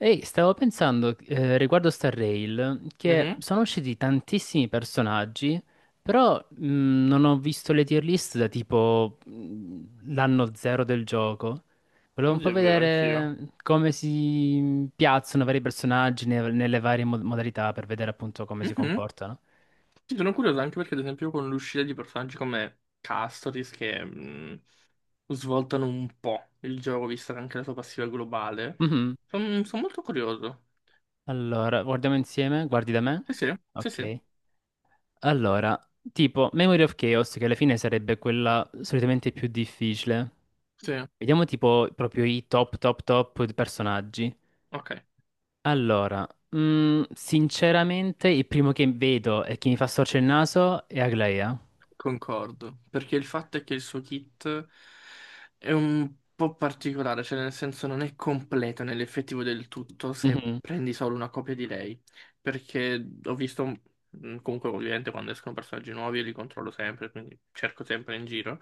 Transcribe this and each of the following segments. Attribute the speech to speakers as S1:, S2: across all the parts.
S1: Ehi, stavo pensando riguardo Star Rail che
S2: Mhm.
S1: sono usciti tantissimi personaggi, però non ho visto le tier list da tipo l'anno zero del gioco. Volevo un po'
S2: Oddio, è vero, anch'io.
S1: vedere come si piazzano i vari personaggi nelle varie modalità per vedere appunto come si
S2: Mhm.
S1: comportano.
S2: Sì, sono curioso anche perché, ad esempio, con l'uscita di personaggi come Castoris, che svoltano un po' il gioco, vista anche la sua passiva globale,
S1: Mhm.
S2: sono molto curioso.
S1: Allora, guardiamo insieme, guardi da me.
S2: Sì, sì, sì, sì,
S1: Ok. Allora, tipo Memory of Chaos, che alla fine sarebbe quella solitamente più difficile.
S2: sì,
S1: Vediamo tipo proprio i top top top personaggi.
S2: ok.
S1: Allora, sinceramente il primo che vedo e che mi fa storcere il naso è Aglaea.
S2: Concordo, perché il fatto è che il suo kit è un po' particolare, cioè nel senso non è completo nell'effettivo del tutto se
S1: Mhm,
S2: prendi solo una copia di lei, perché ho visto, comunque ovviamente quando escono personaggi nuovi io li controllo sempre, quindi cerco sempre in giro,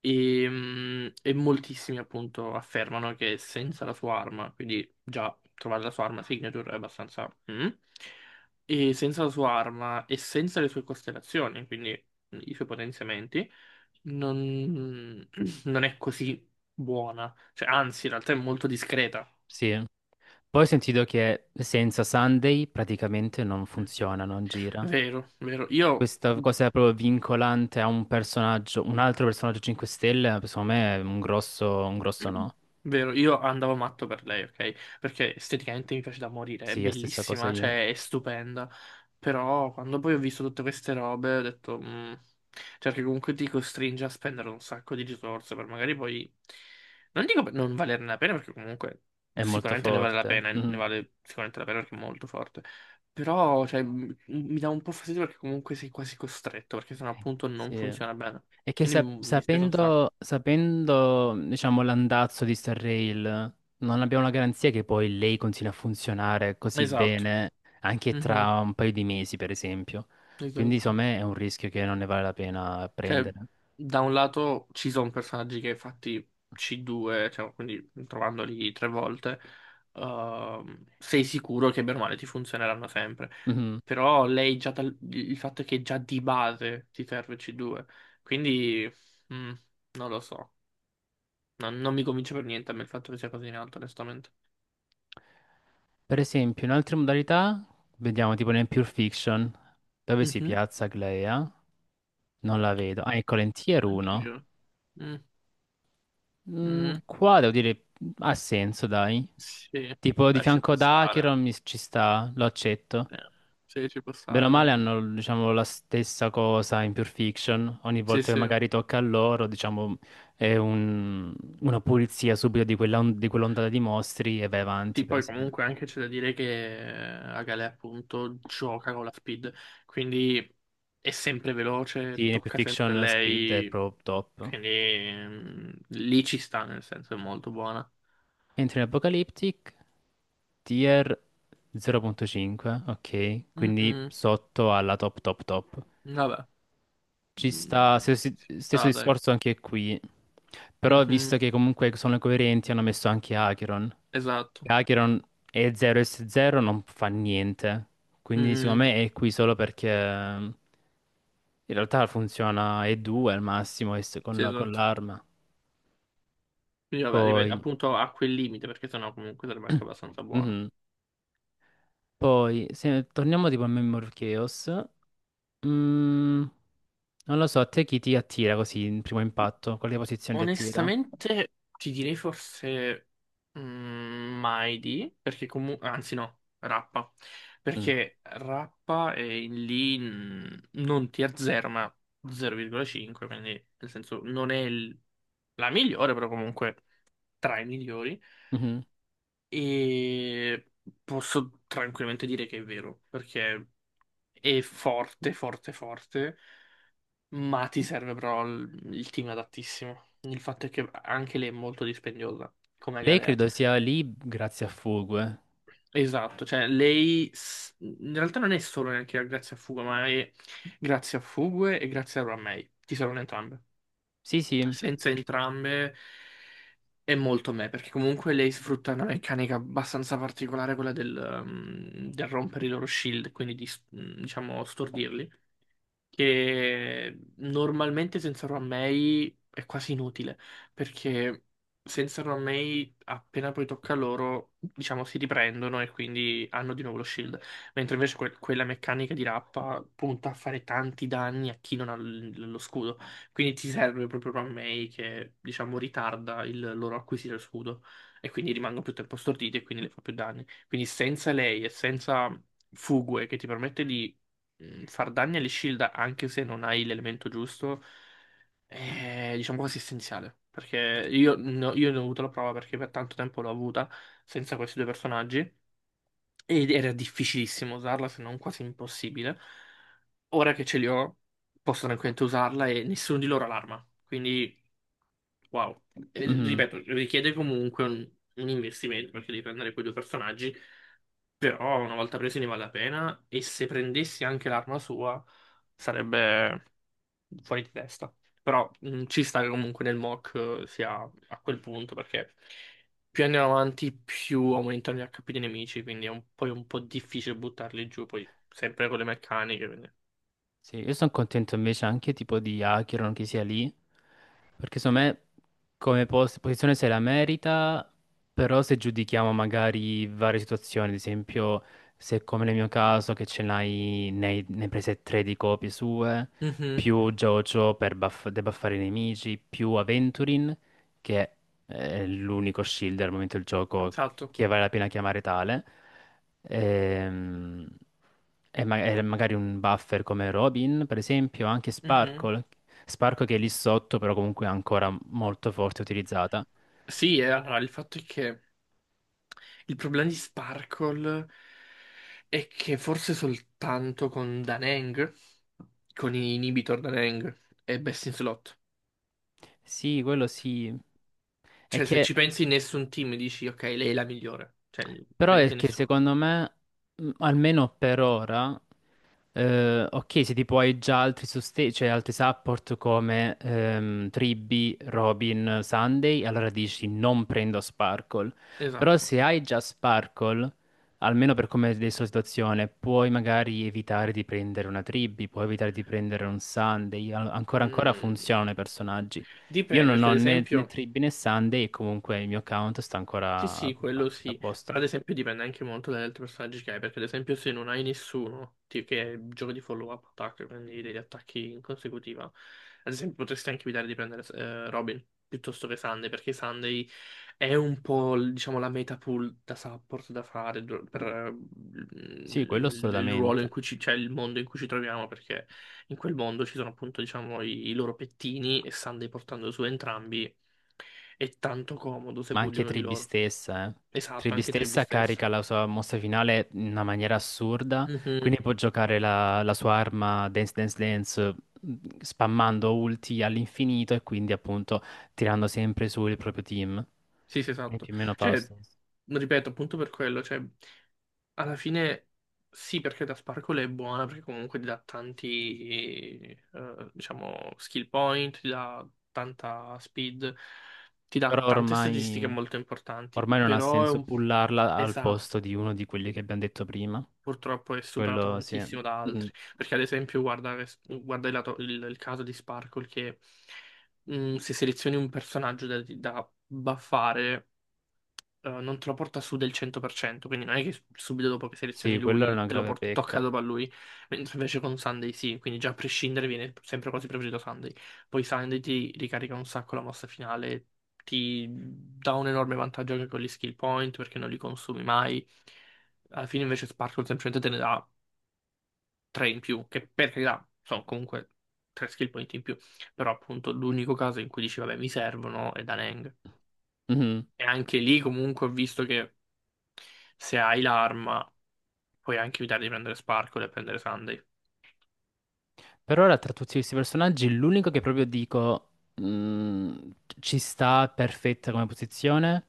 S2: e moltissimi appunto affermano che senza la sua arma, quindi già trovare la sua arma signature è abbastanza... e senza la sua arma e senza le sue costellazioni, quindi i suoi potenziamenti, non, non è così buona. Cioè, anzi, in realtà è molto discreta.
S1: sì. Poi ho sentito che senza Sunday praticamente non funziona, non gira.
S2: Vero, vero. Io
S1: Questa cosa è proprio vincolante a un personaggio, un altro personaggio 5 stelle, secondo me è un grosso no.
S2: Vero, io andavo matto per lei, ok? Perché esteticamente mi piace da morire, è
S1: Sì, la stessa cosa
S2: bellissima,
S1: io.
S2: cioè è stupenda. Però quando poi ho visto tutte queste robe ho detto, "Mm", cioè che comunque ti costringe a spendere un sacco di risorse per magari poi, non dico per non valerne la pena perché comunque
S1: È molto
S2: sicuramente ne vale la
S1: forte.
S2: pena, ne
S1: Mhm,
S2: vale sicuramente la pena perché è molto forte. Però, cioè, mi dà un po' fastidio perché comunque sei quasi costretto, perché sennò appunto non
S1: sì.
S2: funziona bene.
S1: È che
S2: Quindi mi dispiace un sacco.
S1: sapendo, diciamo, l'andazzo di Star Rail, non abbiamo la garanzia che poi lei continui a funzionare così
S2: Esatto.
S1: bene anche
S2: Mhm.
S1: tra un paio di mesi, per esempio. Quindi,
S2: Esatto.
S1: insomma, è un rischio che non ne vale la pena
S2: Cioè,
S1: prendere.
S2: da un lato ci sono personaggi che fatti C2, cioè, quindi trovandoli tre volte, sei sicuro che bene o male ti funzioneranno sempre.
S1: Mhm.
S2: Però lei già il fatto è che già di base ti serve C2, quindi mm, non lo so. Non mi convince per niente a me il fatto che sia così in alto, onestamente.
S1: Per esempio, in altre modalità, vediamo tipo nel Pure Fiction, dove si
S2: Mhm.
S1: piazza Glea? Non la vedo. Ah, ecco, Lentier 1.
S2: Anch'io. Mm, mm,
S1: Qua devo dire ha senso, dai.
S2: sì,
S1: Tipo di
S2: dai, ci
S1: fianco
S2: può
S1: ad
S2: stare.
S1: Acheron ci sta, lo accetto.
S2: Eh, Sì, ci può
S1: Bene o
S2: stare,
S1: male
S2: dai.
S1: hanno, diciamo, la stessa cosa in Pure Fiction. Ogni
S2: Sì,
S1: volta che
S2: sì.
S1: magari tocca a loro, diciamo, è un- una pulizia subito di di quell'ondata di mostri e vai avanti,
S2: Sì,
S1: per
S2: poi comunque
S1: esempio.
S2: anche c'è da dire che Agale appunto gioca con la speed, quindi è sempre veloce,
S1: Sì, in Pure
S2: tocca sempre a
S1: Fiction Speed è
S2: lei,
S1: proprio top.
S2: quindi lì ci sta, nel senso è molto buona.
S1: Entri in Apocalyptic, tier 0,5, ok? Quindi
S2: Mm-mm,
S1: sotto alla top top top.
S2: vabbè.
S1: Ci sta,
S2: Mm, ci
S1: stesso
S2: sta, dai.
S1: discorso anche qui. Però visto
S2: Mhm,
S1: che comunque sono coerenti, hanno messo anche Acheron.
S2: esatto.
S1: Acheron è 0S0, non fa niente. Quindi secondo
S2: Mm-mm,
S1: me è qui solo perché in realtà funziona E2 al massimo e
S2: sì,
S1: con
S2: esatto.
S1: l'arma.
S2: Quindi vabbè, ripeto,
S1: Poi,
S2: appunto a quel limite, perché sennò comunque sarebbe anche abbastanza buono.
S1: mhm. Poi se torniamo tipo a Memory of Chaos. mm, Non lo so, a te chi ti attira così in primo impatto? Quale posizione ti attira?
S2: Onestamente, ti direi forse Maidi, perché comunque, anzi no, Rappa, perché Rappa è in lì non tier 0, ma 0,5, quindi nel senso non è la migliore, però comunque tra i migliori.
S1: Mm.
S2: E posso tranquillamente dire che è vero, perché è forte, forte, forte. Ma ti serve però il team adattissimo. Il fatto è che anche lei è molto dispendiosa, come
S1: Lei
S2: Galea.
S1: credo sia lì grazie a Fugue.
S2: Esatto, cioè lei in realtà non è solo neanche grazie a Fugue, ma è grazie a Fugue e grazie a Ramei. Ti servono entrambe.
S1: Sì, sì.
S2: Senza entrambe è molto me, perché comunque lei sfrutta una meccanica abbastanza particolare, quella del rompere i loro shield, quindi di, diciamo, stordirli. Che normalmente senza Romei è quasi inutile, perché senza Romei appena poi tocca a loro, diciamo, si riprendono e quindi hanno di nuovo lo shield, mentre invece quella meccanica di Rappa punta a fare tanti danni a chi non ha lo scudo, quindi ti serve proprio Romei che, diciamo, ritarda il loro acquisire lo scudo e quindi rimangono più tempo storditi e quindi le fa più danni. Quindi senza lei e senza Fugue che ti permette di far danni alle shield anche se non hai l'elemento giusto è diciamo quasi essenziale. Perché io, no- io ne ho avuto la prova perché per tanto tempo l'ho avuta senza questi due personaggi ed era difficilissimo usarla se non quasi impossibile. Ora che ce li ho posso tranquillamente usarla e nessuno di loro ha l'arma. Quindi wow. E,
S1: Mhm.
S2: ripeto, richiede comunque un investimento perché devi prendere quei due personaggi. Però una volta preso ne vale la pena e se prendessi anche l'arma sua sarebbe fuori di testa. Però ci sta che comunque nel mock sia a quel punto perché più andiamo avanti più aumentano gli HP dei nemici, quindi è poi un po' difficile buttarli giù, poi sempre con le meccaniche. Quindi.
S1: Sì, io sono contento invece anche tipo di Acheron che sia lì, perché secondo me come posizione se la merita, però se giudichiamo magari varie situazioni, ad esempio se come nel mio caso che ce ne hai prese tre di copie sue,
S2: Mhm,
S1: più Jojo per debuffare i nemici, più Aventurin che è l'unico shield al momento del gioco
S2: esatto.
S1: che vale la pena chiamare tale, ehm, e, e magari un buffer come Robin, per esempio, anche
S2: Mhm.
S1: Sparkle, Sparkle che è lì sotto, però comunque è ancora molto forte utilizzata.
S2: Sì, e allora il fatto è che il problema di Sparkle è che forse soltanto con Daneng, con i inhibitor Daneng, è best in slot.
S1: Sì, quello sì. È
S2: Cioè, se
S1: che
S2: ci pensi, nessun team dici, ok, lei è la migliore. Cioè,
S1: Però è
S2: veramente
S1: che
S2: nessuno.
S1: secondo me, almeno per ora, ok, se tipo hai già altri sostegni, cioè altri support come Tribby, Robin, Sunday, allora dici non prendo Sparkle. Però
S2: Esatto.
S1: se hai già Sparkle, almeno per come è adesso la situazione, puoi magari evitare di prendere una Tribby, puoi evitare di prendere un Sunday, ancora ancora
S2: Mm,
S1: funzionano i personaggi. Io
S2: Dipende,
S1: non
S2: perché
S1: ho
S2: ad
S1: né
S2: esempio...
S1: Tribby né Sunday e comunque il mio account sta
S2: Sì,
S1: ancora
S2: sì,
S1: a a-
S2: quello
S1: a
S2: sì,
S1: posto.
S2: però ad esempio dipende anche molto dagli altri personaggi che hai, perché ad esempio se non hai nessuno, che giochi di follow-up attack, quindi degli attacchi in consecutiva, ad esempio potresti anche evitare di prendere Robin piuttosto che Sunday, perché Sunday è un po', diciamo, la meta pool da support da fare per
S1: Sì, quello
S2: il ruolo in
S1: assolutamente,
S2: cui cioè il mondo in cui ci troviamo, perché in quel mondo ci sono appunto, diciamo, i loro pettini e Sunday portando su entrambi. È tanto comodo se
S1: ma
S2: pulli
S1: anche
S2: uno di
S1: Tribi
S2: loro.
S1: stessa, eh.
S2: Esatto,
S1: Tribi
S2: anche Trevi
S1: stessa carica
S2: stessa.
S1: la sua mossa finale in una maniera assurda,
S2: Mhm.
S1: quindi può giocare la sua arma Dance Dance Dance spammando ulti all'infinito e quindi appunto tirando sempre su il proprio team.
S2: Sì, sì,
S1: E
S2: esatto.
S1: più o meno fa lo
S2: Cioè,
S1: stesso.
S2: ripeto, appunto per quello, cioè, alla fine sì, perché da Sparkle è buona, perché comunque ti dà tanti, diciamo, skill point, ti dà tanta speed, ti dà
S1: Però
S2: tante statistiche molto importanti,
S1: ormai non ha
S2: però è
S1: senso
S2: un...
S1: pullarla al posto
S2: Esatto.
S1: di uno di quelli che abbiamo detto prima.
S2: Purtroppo è superata
S1: Quello sì.
S2: tantissimo da
S1: Mm.
S2: altri. Perché ad esempio guarda, guarda il caso di Sparkle che se selezioni un personaggio da buffare non te lo porta su del 100%, quindi non è che subito dopo che
S1: Sì,
S2: selezioni
S1: quello è
S2: lui
S1: una
S2: te lo
S1: grave
S2: porta, tocca
S1: pecca.
S2: dopo a lui, mentre invece con Sunday sì, quindi già a prescindere viene sempre quasi preferito Sunday. Poi Sunday ti ricarica un sacco la mossa finale, ti dà un enorme vantaggio anche con gli skill point perché non li consumi mai. Alla fine invece Sparkle semplicemente te ne dà tre in più, che per carità sono comunque tre skill point in più, però appunto l'unico caso in cui dici vabbè mi servono è da Nang.
S1: Mhm.
S2: E anche lì comunque ho visto che se hai l'arma, puoi anche evitare di prendere Sparkle e prendere Sunday.
S1: Per ora, tra tutti questi personaggi, l'unico che proprio dico mh, ci sta perfetta come posizione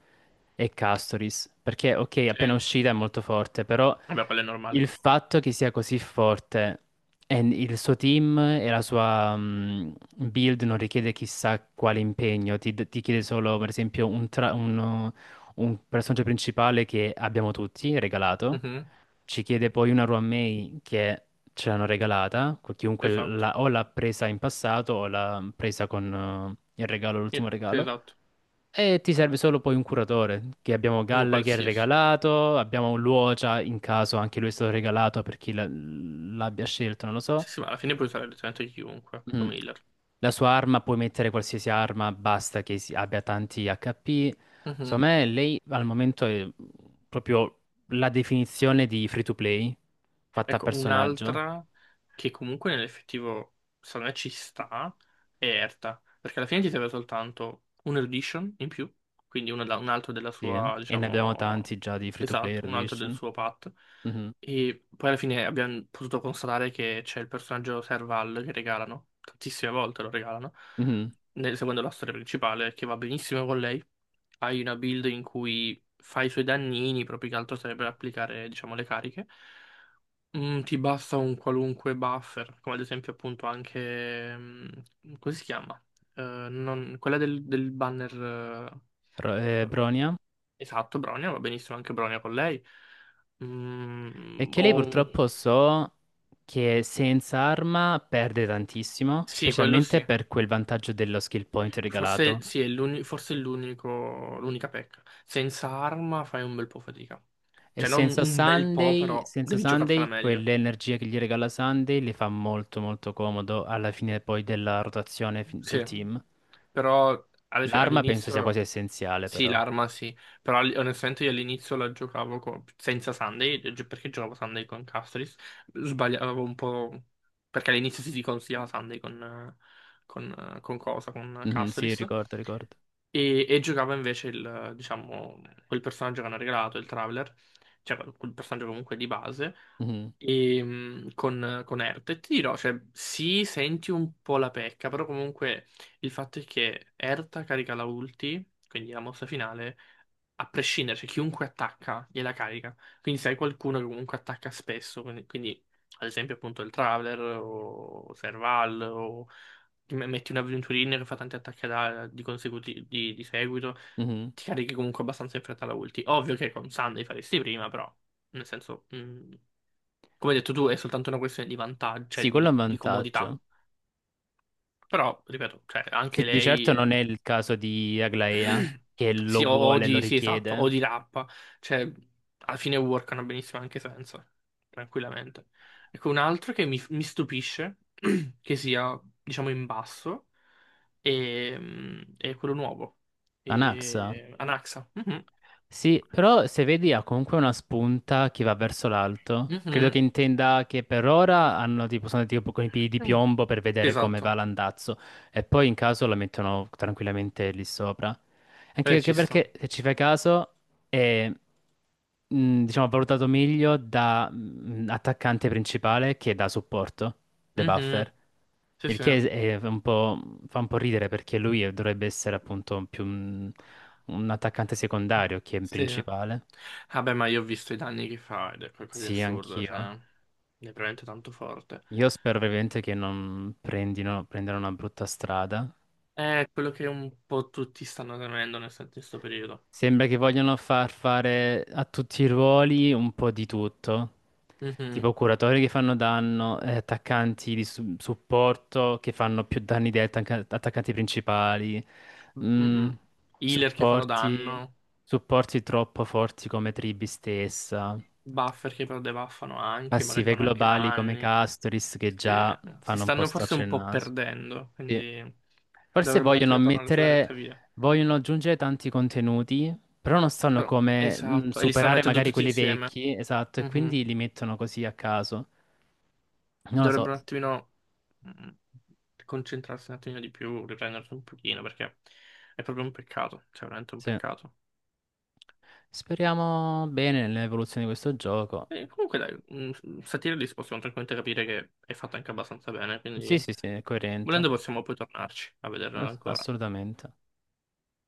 S1: è Castoris. Perché, ok, appena
S2: Sì,
S1: uscita è molto forte, però
S2: vabbè, quello è
S1: il
S2: normale.
S1: fatto che sia così forte e il suo team e la sua build non richiede chissà quale impegno, ti chiede solo, per esempio, un, tra- un personaggio principale che abbiamo tutti regalato
S2: Mhm,
S1: ci chiede poi una May che ce l'hanno regalata, chiunque
S2: esatto.
S1: o l'ha presa in passato o l'ha presa con il regalo,
S2: Sì,
S1: l'ultimo
S2: sì,
S1: regalo.
S2: esatto.
S1: E ti serve solo poi un curatore, che abbiamo
S2: Uno
S1: Galla che è
S2: qualsiasi.
S1: regalato, abbiamo Luocia in caso anche lui è stato regalato per chi l'abbia scelto, non lo so.
S2: Sì, sì, ma alla fine puoi usare letteralmente chiunque
S1: Mm.
S2: come healer.
S1: La sua arma puoi mettere qualsiasi arma, basta che abbia tanti HP.
S2: Mhm.
S1: Secondo me lei al momento è proprio la definizione di free to play fatta a
S2: Ecco,
S1: personaggio.
S2: un'altra che comunque nell'effettivo secondo me ci sta è Erta, perché alla fine ti serve soltanto un erudition in più, quindi un altro della
S1: Sì,
S2: sua,
S1: e ne abbiamo
S2: diciamo,
S1: tanti già di free to play
S2: esatto, un altro del
S1: Reduition.
S2: suo path,
S1: Mhm,
S2: e poi alla fine abbiamo potuto constatare che c'è il personaggio Serval che regalano, tantissime volte lo regalano,
S1: mhm.
S2: seguendo la storia principale, che va benissimo con lei, hai una build in cui fai i suoi dannini, proprio che altro serve per applicare, diciamo, le cariche. Mm, ti basta un qualunque buffer, come ad esempio appunto anche... come si chiama? Eh, quella del banner... eh,
S1: Bronia.
S2: esatto, Bronia, va benissimo anche Bronia con lei.
S1: E
S2: Mm,
S1: che lei
S2: o
S1: purtroppo so che senza arma perde tantissimo,
S2: Sì, quello
S1: specialmente
S2: sì.
S1: per quel vantaggio dello skill point
S2: Forse
S1: regalato.
S2: sì, è forse è l'unico, l'unica pecca. Senza arma fai un bel po' fatica.
S1: E
S2: Cioè, non
S1: senza
S2: un bel po',
S1: Sunday,
S2: però
S1: senza
S2: devi giocartela
S1: Sunday,
S2: meglio.
S1: quell'energia che gli regala Sunday le fa molto molto comodo alla fine poi della rotazione del
S2: Sì,
S1: team.
S2: però
S1: L'arma penso sia
S2: all'inizio...
S1: quasi essenziale
S2: Sì,
S1: però.
S2: l'arma sì, però onestamente io all'inizio la giocavo senza Sunday, perché giocavo Sunday con Castris, sbagliavo un po', perché all'inizio si consigliava Sunday con, con cosa, con
S1: Mhm, sì,
S2: Castris,
S1: ricordo, ricordo.
S2: e giocava invece il, diciamo, quel personaggio che hanno regalato, il Traveler, cioè quel personaggio comunque di base,
S1: Mhm,
S2: e, con Ert. E ti dirò, cioè, sì, senti un po' la pecca, però comunque il fatto è che Erta carica la ulti, quindi la mossa finale, a prescindere, cioè chiunque attacca gliela carica. Quindi se hai qualcuno che comunque attacca spesso, quindi, ad esempio appunto il Traveler o Serval o ti metti un avventurino che fa tanti attacchi di seguito,
S1: mhm.
S2: ti carichi comunque abbastanza in fretta la ulti. Ovvio che con Sunday faresti prima, però nel senso, come hai detto tu, è soltanto una questione di vantaggio, cioè
S1: Sì, quello è un
S2: di comodità.
S1: vantaggio.
S2: Però, ripeto, cioè, anche
S1: Sì, di
S2: lei...
S1: certo non
S2: è.
S1: è il caso di Aglaea che
S2: Sì,
S1: lo
S2: o
S1: vuole, lo
S2: di, sì, esatto, o
S1: richiede.
S2: di rap. Cioè, alla fine workano benissimo anche senza, tranquillamente. Ecco, un altro che mi stupisce, che sia, diciamo, in basso, è, è quello nuovo.
S1: Anaxa?
S2: È Anaxa. Mhm,
S1: Sì, però se vedi ha comunque una spunta che va verso l'alto. Credo che
S2: mhm,
S1: intenda che per ora hanno tipo, sono tipo con i piedi di
S2: mm.
S1: piombo per vedere come
S2: Esatto.
S1: va l'andazzo e poi in caso la mettono tranquillamente lì sopra. Anche
S2: Ci sta.
S1: perché se ci fai caso e, diciamo, valutato meglio da attaccante principale che da supporto, De
S2: Mhm,
S1: Buffer.
S2: sì,
S1: Il
S2: sì.
S1: che è un po', fa un po' ridere perché lui dovrebbe essere appunto più un attaccante secondario che un
S2: Sì.
S1: principale.
S2: Vabbè, ma io ho visto i danni che fa ed è qualcosa di
S1: Sì,
S2: assurdo,
S1: anch'io.
S2: cioè, è veramente tanto forte.
S1: Io spero veramente che non prendano una brutta strada.
S2: È quello che un po' tutti stanno temendo in questo periodo.
S1: Sembra che vogliono far fare a tutti i ruoli un po' di tutto.
S2: Mhm.
S1: Tipo curatori che fanno danno, attaccanti di supporto che fanno più danni degli attaccanti principali, mm,
S2: Mm-mm. Healer che fanno
S1: supporti,
S2: danno,
S1: supporti troppo forti come Tribi stessa,
S2: buffer che però debuffano anche, magari
S1: passive
S2: fanno anche
S1: globali come
S2: danni.
S1: Castoris che
S2: Sì,
S1: già
S2: si
S1: fanno un po'
S2: stanno forse un
S1: storcere il
S2: po'
S1: naso.
S2: perdendo,
S1: Sì.
S2: quindi
S1: Forse
S2: dovrebbero un
S1: vogliono
S2: attimo tornare sulla retta via.
S1: aggiungere tanti contenuti, però non sanno
S2: Però,
S1: come
S2: esatto, e li stanno
S1: superare
S2: mettendo
S1: magari
S2: tutti
S1: quelli
S2: insieme.
S1: vecchi, esatto, e
S2: Mhm.
S1: quindi li mettono così a caso. Non lo so,
S2: Dovrebbero un attimino mm, concentrarsi un attimino di più, riprendersi un pochino, perché è proprio un peccato, cioè veramente un
S1: sì.
S2: peccato.
S1: Speriamo bene nell'evoluzione di questo gioco.
S2: Comunque dai, un Satirilis possiamo tranquillamente capire che è fatta anche abbastanza bene,
S1: Sì,
S2: quindi
S1: sì, sì, è
S2: volendo
S1: coerente,
S2: possiamo poi tornarci a vederla ancora.
S1: assolutamente.